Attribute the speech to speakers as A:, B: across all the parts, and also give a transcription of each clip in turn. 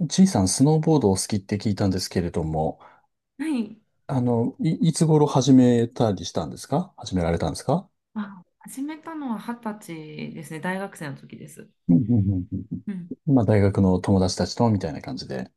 A: G さん、スノーボードをお好きって聞いたんですけれども、
B: はい。
A: あの、いつ頃始められたんですか？
B: あ、始めたのは二十歳ですね。大学生の時です。
A: うんうんうんうん
B: うん。
A: うん。まあ、大学の友達たちと、みたいな感じで。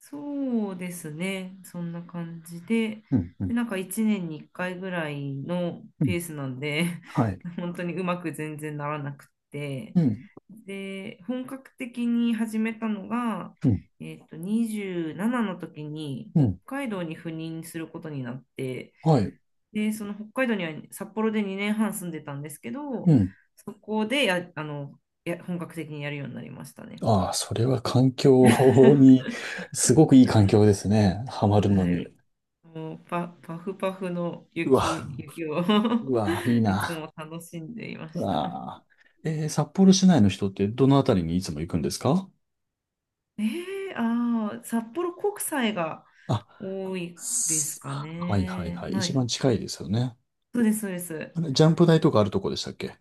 B: そうですね。そんな感じで、
A: うんう
B: で、
A: ん
B: なんか1年に1回ぐらいの
A: うん。
B: ペースなんで、
A: はい。
B: 本当にうまく全然ならなくて、
A: うん。
B: で、本格的に始めたのが、
A: うん。
B: 27の時に
A: う
B: 北
A: ん。
B: 海道に赴任することになって、
A: はい。
B: で、その北海道には札幌で2年半住んでたんですけど、
A: うん。
B: そこでや、あの、や、本格的にやるようになりましたね。
A: ああ、それは環境に、すごくいい環境ですね。ハマるの
B: は
A: に。
B: い。もうパフパフの
A: うわ、
B: 雪を
A: うわ、いい
B: いつ
A: な。
B: も楽しんでいま
A: う
B: した。
A: わ。札幌市内の人ってどのあたりにいつも行くんですか？
B: ああ、札幌国際が
A: あ
B: 多いですか
A: はいはいは
B: ね。
A: い。
B: は
A: 一
B: い。
A: 番近いですよね。
B: そうです、そうです。
A: あれ、ジャンプ台とかあるとこでしたっけ？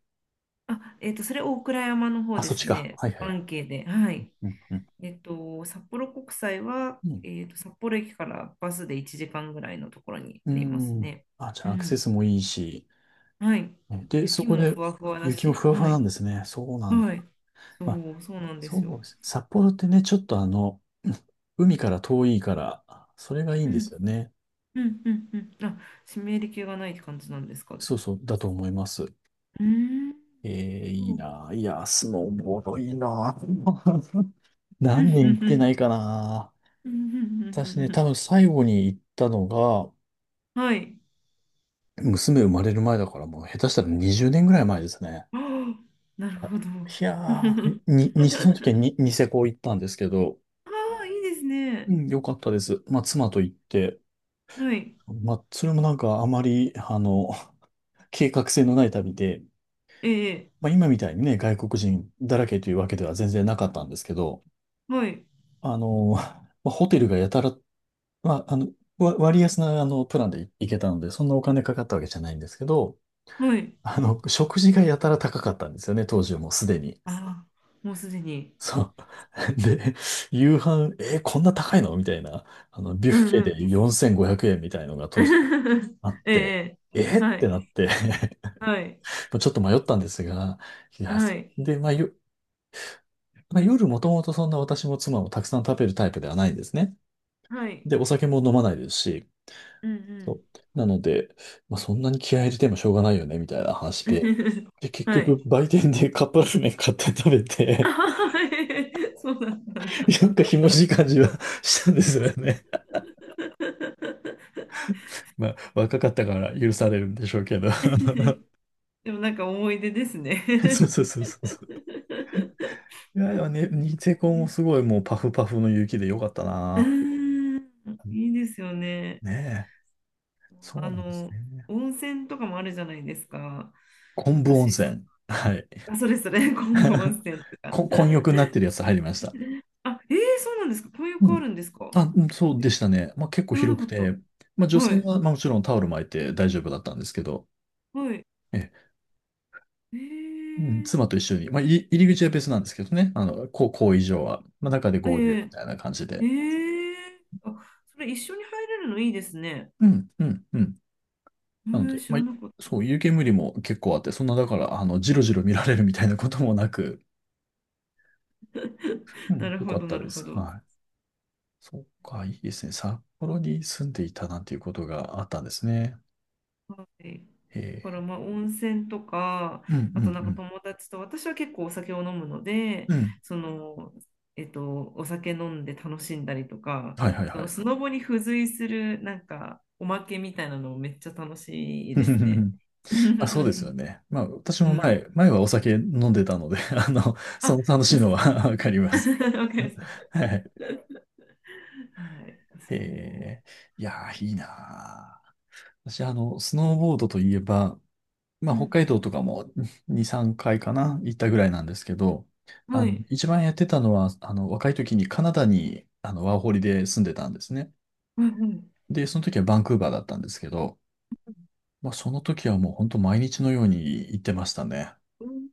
B: あ、それ大倉山の方
A: あ、
B: で
A: そっち
B: す
A: か。
B: ね。
A: はいはいはい。
B: 関係で。はい。
A: うんうん。
B: 札幌国際は、
A: うん。
B: 札幌駅からバスで1時間ぐらいのところに
A: う
B: あります
A: ん
B: ね。
A: あ、じゃ
B: う
A: あアクセ
B: ん。
A: スもいいし。
B: はい。
A: ねで、そ
B: 雪
A: こ
B: もふ
A: で
B: わふわだ
A: 雪も
B: し、
A: ふわふ
B: は
A: わなん
B: い。
A: ですね。そうなん
B: は
A: だ。
B: い。そ
A: まあ、
B: う、そうなんで
A: そ
B: すよ。
A: うです。札幌ってね、ちょっとあの、海から遠いから、それがいい
B: う
A: んですよ
B: ん。
A: ね。
B: うん。うん。うん。あ、湿り気がないって感じなんですか。う
A: そうそう、だと思います。
B: ーん。
A: え
B: そ
A: いい
B: うん
A: な。いや、スノーボードいいな。
B: うん
A: 何年
B: う
A: 行ってな
B: ん
A: いかな。
B: うんうんう
A: 私ね、
B: ん
A: 多
B: う
A: 分最後に行ったのが、
B: ん。はい。
A: 娘生まれる前だからもう下手したら20年ぐらい前ですね。
B: ああ、なるほど。
A: いやいや ー、その時はニセコ行ったんですけど、
B: ああ、いいです
A: う
B: ね。
A: ん、良かったです。まあ、妻と行って、
B: はい。
A: まあ、それもなんかあまり、あの、計画性のない旅で、
B: ええ、
A: まあ、今みたいにね、外国人だらけというわけでは全然なかったんですけど、
B: はい。
A: あの、まあ、ホテルがやたら、まあ、あの、割安な、あの、プランで行けたので、そんなお金かかったわけじゃないんですけど、
B: はい。
A: あの、食事がやたら高かったんですよね、当時はもうすでに。
B: ああ、もうすでに。
A: そう。で、夕飯、えーこんな高いのみたいな、あの、ビュッ
B: うん
A: フェ
B: うん。
A: で4500円みたいのが当時 あっ
B: え
A: て、
B: え、
A: えーっ
B: は
A: て
B: い、
A: なって
B: はい、
A: まあちょっと迷ったんですが、いや、
B: はい、
A: まあ、まあ、夜もともとそんな私も妻もたくさん食べるタイプではないんですね。
B: はい、
A: で、お酒も飲まないですし、
B: う
A: そ
B: ん
A: う。なので、まあ、そんなに気合い入れてもしょうがないよね、みたいな話
B: うん。
A: で。で、結
B: は
A: 局、
B: い。
A: 売店でカップラーメン買って食べ
B: あ
A: て
B: ははそうだったんだ。
A: なんかひもじい感じは したんですよね。まあ、若かったから許されるんでしょうけど。
B: でもなんか思い出です
A: そう
B: ね。
A: そうそうそうそう。いやいや、ね、ニセコもすごいもうパフパフの雪でよかった
B: う
A: な。
B: ーん、いいですよね。
A: ねえ。そ
B: あ
A: うなんです
B: の、
A: ね。
B: 温泉とかもあるじゃないですか。
A: 昆布温
B: 私、
A: 泉。はい。
B: あ、それそれ、今度温 泉とか。
A: 混浴になってるやつ入りました。
B: あ、そうなんですか。こういう
A: う
B: 子あ
A: ん。
B: るんですか。
A: あ、うんそうでしたね。まあ結構
B: 知らな
A: 広
B: か
A: く
B: っ
A: て、まあ
B: た。
A: 女
B: は
A: 性
B: い。
A: はまあもちろんタオル巻いて大丈夫だったんですけど、
B: はい。
A: ええ
B: え
A: うん、
B: ー、
A: 妻と一緒に、まあ、入り口は別なんですけどね、あの、こう、こう以上は、まあ、中で
B: え
A: 合流み
B: ー、
A: たいな感じ
B: え
A: で。
B: ー、あ、それ一緒に入れるのいいですね。
A: うん、うん、うん。
B: え
A: なの
B: ー、
A: で、
B: 知
A: ま
B: ら
A: あ、
B: なかった。
A: そう、湯煙も結構あって、そんな、だから、あの、じろじろ見られるみたいなこともなく、う
B: な
A: ん、
B: る
A: よ
B: ほ
A: かっ
B: ど、
A: た
B: なる
A: で
B: ほ
A: す。
B: ど。
A: はい。そうか、いいですね。札幌に住んでいたなんていうことがあったんですね。
B: はい。だから
A: え
B: まあ温泉とか、
A: ー、うん、う
B: あとなんか
A: ん、
B: 友達と、私は結構お酒を飲むので、
A: うん。うん。
B: その、お酒飲んで楽しんだりとか、
A: はい、はい、
B: そ
A: は
B: の
A: い。
B: スノボに付随するなんかおまけみたいなのめっちゃ楽しいですね。
A: あ、そうで すよね。まあ、私
B: う
A: も
B: ん。
A: 前はお酒飲んでたので、あの、
B: あ、
A: その楽しいのは わかります。
B: わかります。
A: はい。
B: はい。そ
A: えー、いやー、いいなー。私、あの、スノーボードといえば、まあ、
B: う。う
A: 北
B: ん。
A: 海道とかも 2、3回かいかな、行ったぐらいなんですけど、
B: は
A: あ
B: い。は
A: の、
B: い。
A: 一番やってたのは、あの、若い時にカナダに、あの、ワーホリで住んでたんですね。
B: うん
A: で、その時はバンクーバーだったんですけど、まあ、その時はもう本当毎日のように行ってましたね。
B: うん。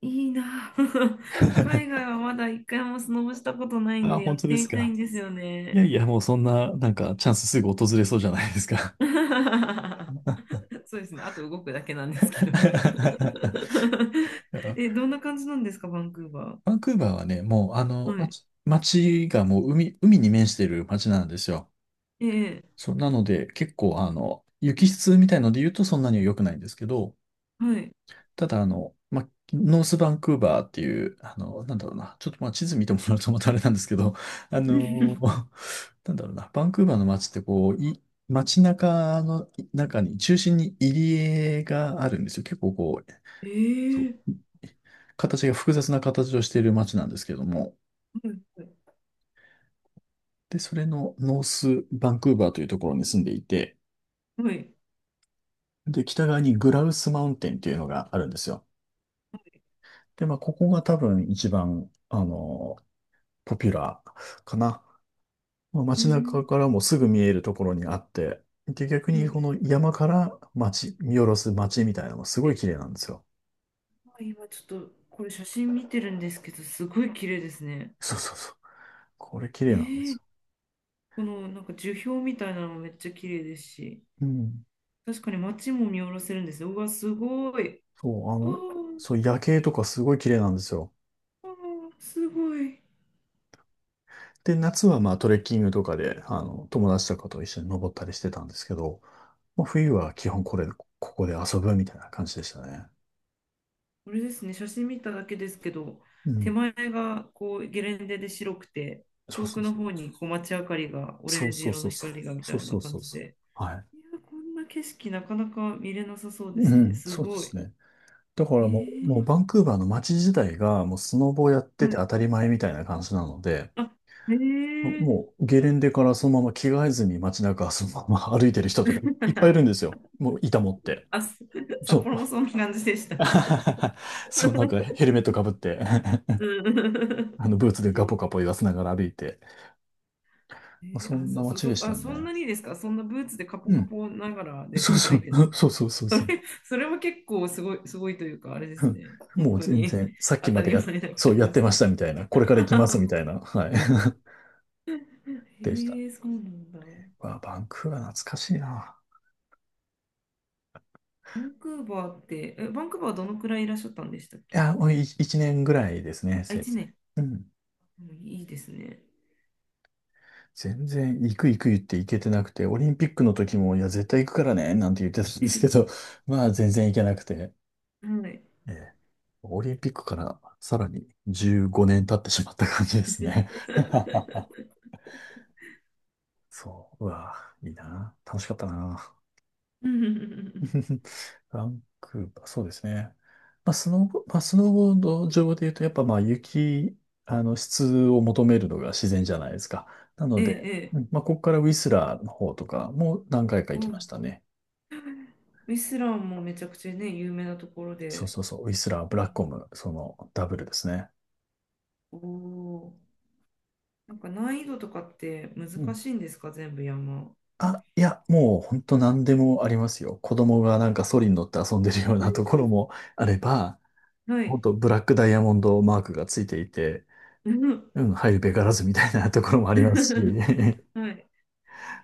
B: いいな。海外はまだ一回もスノボしたことないん
A: あ、
B: でや
A: 本
B: っ
A: 当
B: て
A: です
B: みたい
A: か。
B: んですよ
A: い
B: ね。
A: やいや、もうそんな、なんか、チャンスすぐ訪れそうじゃないですか。
B: そうですね。あと動くだけなんですけど。え、どんな感じなんですか、バンクーバ
A: バンクーバーはね、もう、あ
B: ー。
A: の、
B: はい。
A: 街がもう海に面してる街なんですよ。
B: ええ、
A: そう、なので、結構、あの、雪質みたいので言うとそんなには良くないんですけど、
B: はい。
A: ただ、あの、ノースバンクーバーっていう、あの、なんだろうな、ちょっとまあ地図見てもらうとまたあれなんですけど、あの、なんだろうな、バンクーバーの街ってこう、街中の中に、中心に入り江があるんですよ。結構こう、
B: え
A: そ
B: え、
A: う、形が複雑な形をしている街なんですけども、
B: はい。
A: で、それのノースバンクーバーというところに住んでいて、
B: はい。
A: で、北側にグラウスマウンテンっていうのがあるんですよ。
B: はい。
A: で、まあ、ここが多分一番、あの、ポピュラーかな。まあ、
B: う
A: 街
B: ん。
A: 中からもすぐ見えるところにあって、で、逆
B: うん。
A: にこの山から街、見下ろす街みたいなのもすごい綺麗なんですよ。
B: 今ちょっとこれ写真見てるんですけど、すごい綺麗ですね。
A: そうそうそう。これ綺麗なんですよ。
B: このなんか樹氷みたいなのもめっちゃ綺麗ですし、
A: うん。
B: 確かに街も見下ろせるんですよ。うわ、すごい。
A: そう、あ
B: あ
A: の、
B: ー
A: そう、夜景とかすごい綺麗なんですよ。
B: あー、すごい。
A: で、夏はまあトレッキングとかで、あの、友達とかと一緒に登ったりしてたんですけど、まあ、冬は基本ここで遊ぶみたいな感じでしたね。
B: これですね、写真見ただけですけど、
A: う
B: 手
A: ん。
B: 前がこうゲレンデで白くて、
A: そう
B: 遠
A: そ
B: く
A: う
B: の
A: そう。
B: 方にこう街明かりが、オ
A: そ
B: レ
A: う
B: ンジ
A: そう
B: 色
A: そ
B: の
A: うそう。
B: 光がみた
A: そう
B: い
A: そ
B: な
A: う
B: 感
A: そう
B: じ
A: そう。
B: で、
A: は
B: い
A: い。
B: や、こんな景色なかなか見れなさそうで
A: う
B: すね。
A: ん、
B: す
A: そうで
B: ごい。
A: すね。だか
B: え
A: らもう
B: ー、
A: バンクーバーの街自体がもうスノボやって
B: は
A: て
B: い。
A: 当たり前みたいな感じなので、
B: あ、えー、
A: もうゲレンデからそのまま着替えずに街中そのまま歩いてる人とかい っぱいいるんで すよ。もう板持って。
B: あ、
A: そ
B: 札
A: う。
B: 幌もそんな感じでした。
A: そう、なんかヘルメットかぶって
B: う
A: あ
B: ん。
A: のブーツでガポガポ言わせながら歩いて。まあ、そ
B: あ、
A: んな
B: そ、そ、
A: 街で
B: そ、
A: し
B: あ、
A: た
B: そん
A: ね。
B: なにですか？そんなブーツでカポ
A: う
B: カ
A: ん。
B: ポながらで
A: そ
B: す、
A: う
B: 歩
A: そう、
B: いてです か？
A: そうそうそうそう。
B: それも結構すごい、すごいというか、あれで
A: う
B: す
A: ん
B: ね。本
A: もう
B: 当
A: 全
B: に
A: 然、さっ
B: 当
A: きま
B: た
A: で
B: り前な感
A: そう
B: じ
A: やっ
B: で
A: て
B: す
A: まし
B: ね。
A: たみたいな、これから行きますみたい な、はい。でした。
B: へえ、そうなんだ。
A: うわ、バンクーバー懐かしいな。
B: バンクーバーって、バンクーバーはどのくらいいらっしゃったんでしたっ
A: い
B: け？
A: や、もう一年ぐらいですね、
B: あ、
A: せい
B: 1
A: ぜ
B: 年。
A: い。うん。
B: うん。いいですね。
A: 全然、行く行く言って行けてなくて、オリンピックの時も、いや、絶対行くからね、なんて言ってたんですけ ど、まあ、全然行けなくて。
B: はい。
A: ええオリンピックからさらに15年経ってしまった感じですね。そう、うわ、いいな。楽しかったな。
B: うんうんうんうんうん。
A: バンクーバー、そうですね。まあ、スノーボード上で言うと、やっぱまあ雪、あの質を求めるのが自然じゃないですか。なの
B: ええ、
A: で、
B: ええ。
A: うんまあ、ここからウィスラーの方とかも何回か
B: う
A: 行きまし
B: ん。
A: たね。
B: ウィスランもめちゃくちゃね、有名なところ
A: そう
B: で。
A: そうそう、ウィスラー、ブラッコム、そのダブルですね。
B: おお。なんか難易度とかって
A: う
B: 難
A: ん
B: しいんですか、全部山。
A: あ、いや、もう本当何でもありますよ。子供がなんかソリに乗って遊んでるようなところもあれば、
B: は
A: 本
B: い。
A: 当ブラックダイヤモンドマークがついていて、
B: うん。
A: うん、入るべからずみたいなところもありますし、
B: はい。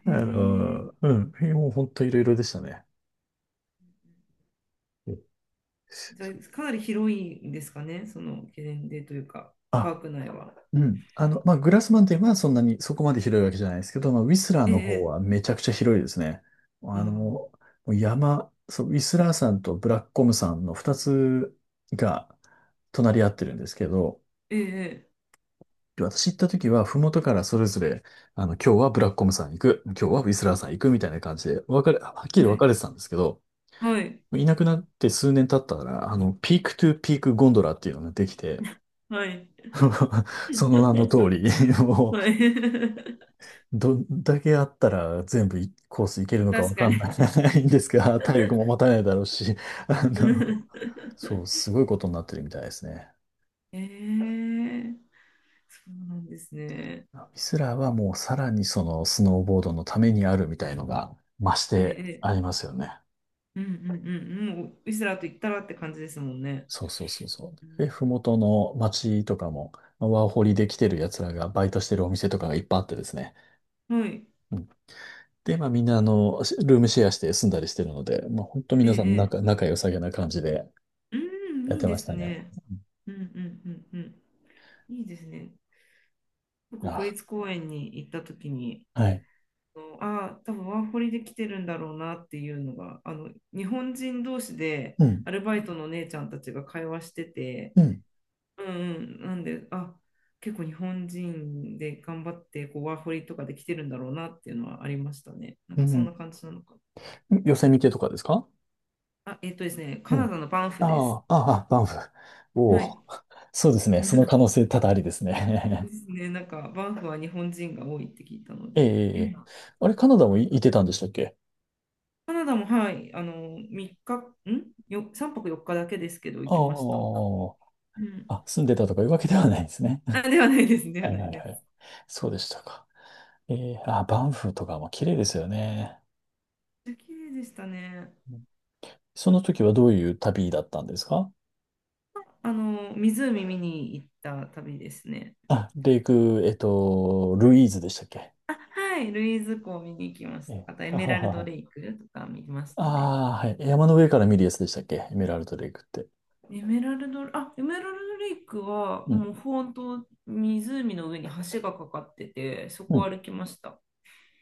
A: あ
B: へえ。
A: の、うん、もう本当いろいろでしたね。うん
B: じゃあ、かなり広いんですかね、そのゲレンデというか、パ
A: あ、
B: ーク内は。
A: うん。まあ、グラスマンテンはそんなにそこまで広いわけじゃないですけど、まあ、ウィスラー
B: え
A: の方
B: え。
A: はめちゃくちゃ広いですね。
B: あ
A: あの、も
B: あ。
A: う山、そう、ウィスラーさんとブラックコムさんの二つが隣り合ってるんですけど、
B: ええ。
A: 私行った時は、ふもとからそれぞれ、今日はブラックコムさん行く、今日はウィスラーさん行くみたいな感じで、分かれ、はっきり
B: は
A: 分か
B: い。
A: れてたんですけど、
B: はい。
A: いなくなって数年経ったら、ピークトゥピークゴンドラっていうのができて、
B: はい。
A: その名の通り、も
B: はい。
A: う、どんだけあったら全部いコースいけるのかわ
B: 確か
A: かんな
B: に。
A: い んですが、体力も持たないだろうし、あの、そう、すごいことになってるみたいですね。
B: ええ。そうなんですね。
A: ミスラーはもうさらにそのスノーボードのためにあるみたいのが増し
B: え
A: て
B: え。
A: あ
B: ええ。
A: りますよね。
B: うんうんうん。もう、ウィスラーと言ったらって感じですもんね。
A: そうそうそうそう。
B: うん。
A: で、ふもとの町とかも、まあワーホリで来てる奴らがバイトしてるお店とかがいっぱいあってですね。
B: はい。
A: で、まあみんなルームシェアして住んだりしてるので、まあ本当
B: え
A: 皆さん
B: え、え
A: 仲、
B: え。
A: 仲良さげな感じで
B: うん、
A: やっ
B: いい
A: て
B: で
A: まし
B: す
A: たね。
B: ね。
A: うん
B: うんうんうんうん。いいですね。国
A: あ、
B: 立公園に行った時に、
A: はい。
B: ああー、多分ワーホリで来てるんだろうなっていうのが、日本人同士で
A: うん、
B: アルバイトの姉ちゃんたちが会話してて、
A: うん、
B: うんうん、なんで、あ、結構日本人で頑張ってこうワーホリとかで来てるんだろうなっていうのはありましたね。なん
A: う
B: かそん
A: ん。
B: な感じなのか。
A: ヨセミテとかですか？
B: あ、ですね、カ
A: う
B: ナダ
A: ん。
B: のバンフです。
A: ああ、ああ、バンフ。お
B: はい。
A: お。そうですね。その可能性多々ありです
B: で
A: ね。
B: すね、なんかバンフは日本人が多いって聞いたの
A: ええ、
B: で、
A: ええ。あれ、カナダもいてたんでしたっけ？
B: カナダもはい、3泊4日だけですけど行きました。
A: あ
B: うん。
A: あ、あ、住んでたとかいうわけではないですね。
B: あ、ではない です、では
A: はい
B: な
A: は
B: い
A: い
B: で
A: はい。
B: す。
A: そうでしたか。ええ、あ、バンフとかも綺麗ですよね。
B: 綺麗でしたね。
A: その時はどういう旅だったんですか？
B: 湖見に行った旅ですね。
A: あ、レイク、ルイーズでしたっけ？
B: あ、はい、ルイーズ湖を見に行きまし
A: え、
B: た。あとエ
A: は
B: メ
A: は
B: ラル
A: は
B: ド
A: は。
B: レイクとか見ま し
A: あ
B: たね。
A: あ、はい。山の上から見るやつでしたっけ、エメラルドレイクって。
B: エメラルドレイクは
A: うん。
B: もう本当湖の上に橋がかかってて、そ
A: う
B: こを
A: ん。
B: 歩きました。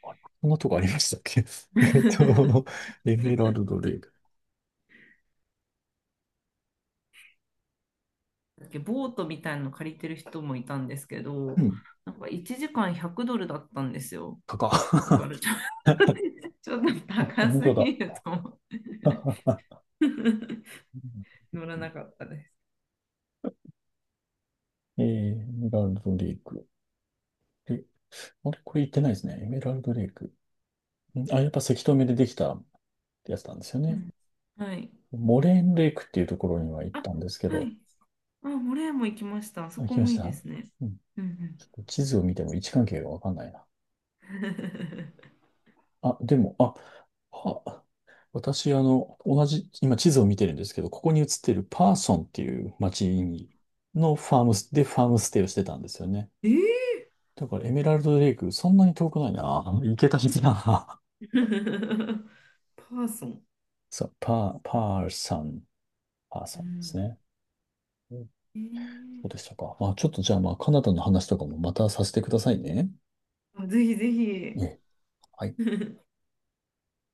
A: あこんなとこありましたっけ？ えっと、エメラルドレイク。
B: だっけボートみたいなの借りてる人もいたんですけ
A: う
B: ど、
A: ん。
B: なんか1時間100ドルだったんですよ。
A: かか。
B: だからちょっと、ちょっと
A: あ、
B: 高
A: 本
B: す
A: 当だ。
B: ぎると思って
A: ははは
B: 乗らなかったです。
A: えー、エメラルドレイク。え、あれ、これ言ってないですね。エメラルドレイク。んあ、やっぱ石留めでできたやつなんですよ
B: う
A: ね。
B: ん。はい。
A: モレーンレイクっていうところには行っ
B: あ、
A: たんですけ
B: は
A: ど、
B: い。あ、モレーも行きました。あそ
A: あ、
B: こ
A: 来ま
B: も
A: し
B: いいで
A: た。
B: すね。
A: うん。
B: うんうん、
A: ちょっと地図を見ても位置関係がわかんないな。あ、でも、あ、あ、私、今地図を見てるんですけど、ここに映ってるパーソンっていう町に、のファームス、でファームステイをしてたんですよね。
B: え
A: だからエメラルドレイク、そんなに遠くないな。行けた日だな。
B: ー、パーソン。
A: そう、パー
B: う
A: ソンです
B: ん。
A: ね。うん。
B: えー
A: そうでしたか。まあ、ちょっとじゃあ、まあ、カナダの話とかもまたさせてくださいね。
B: あぜひぜ
A: え
B: ひ。
A: え。はい。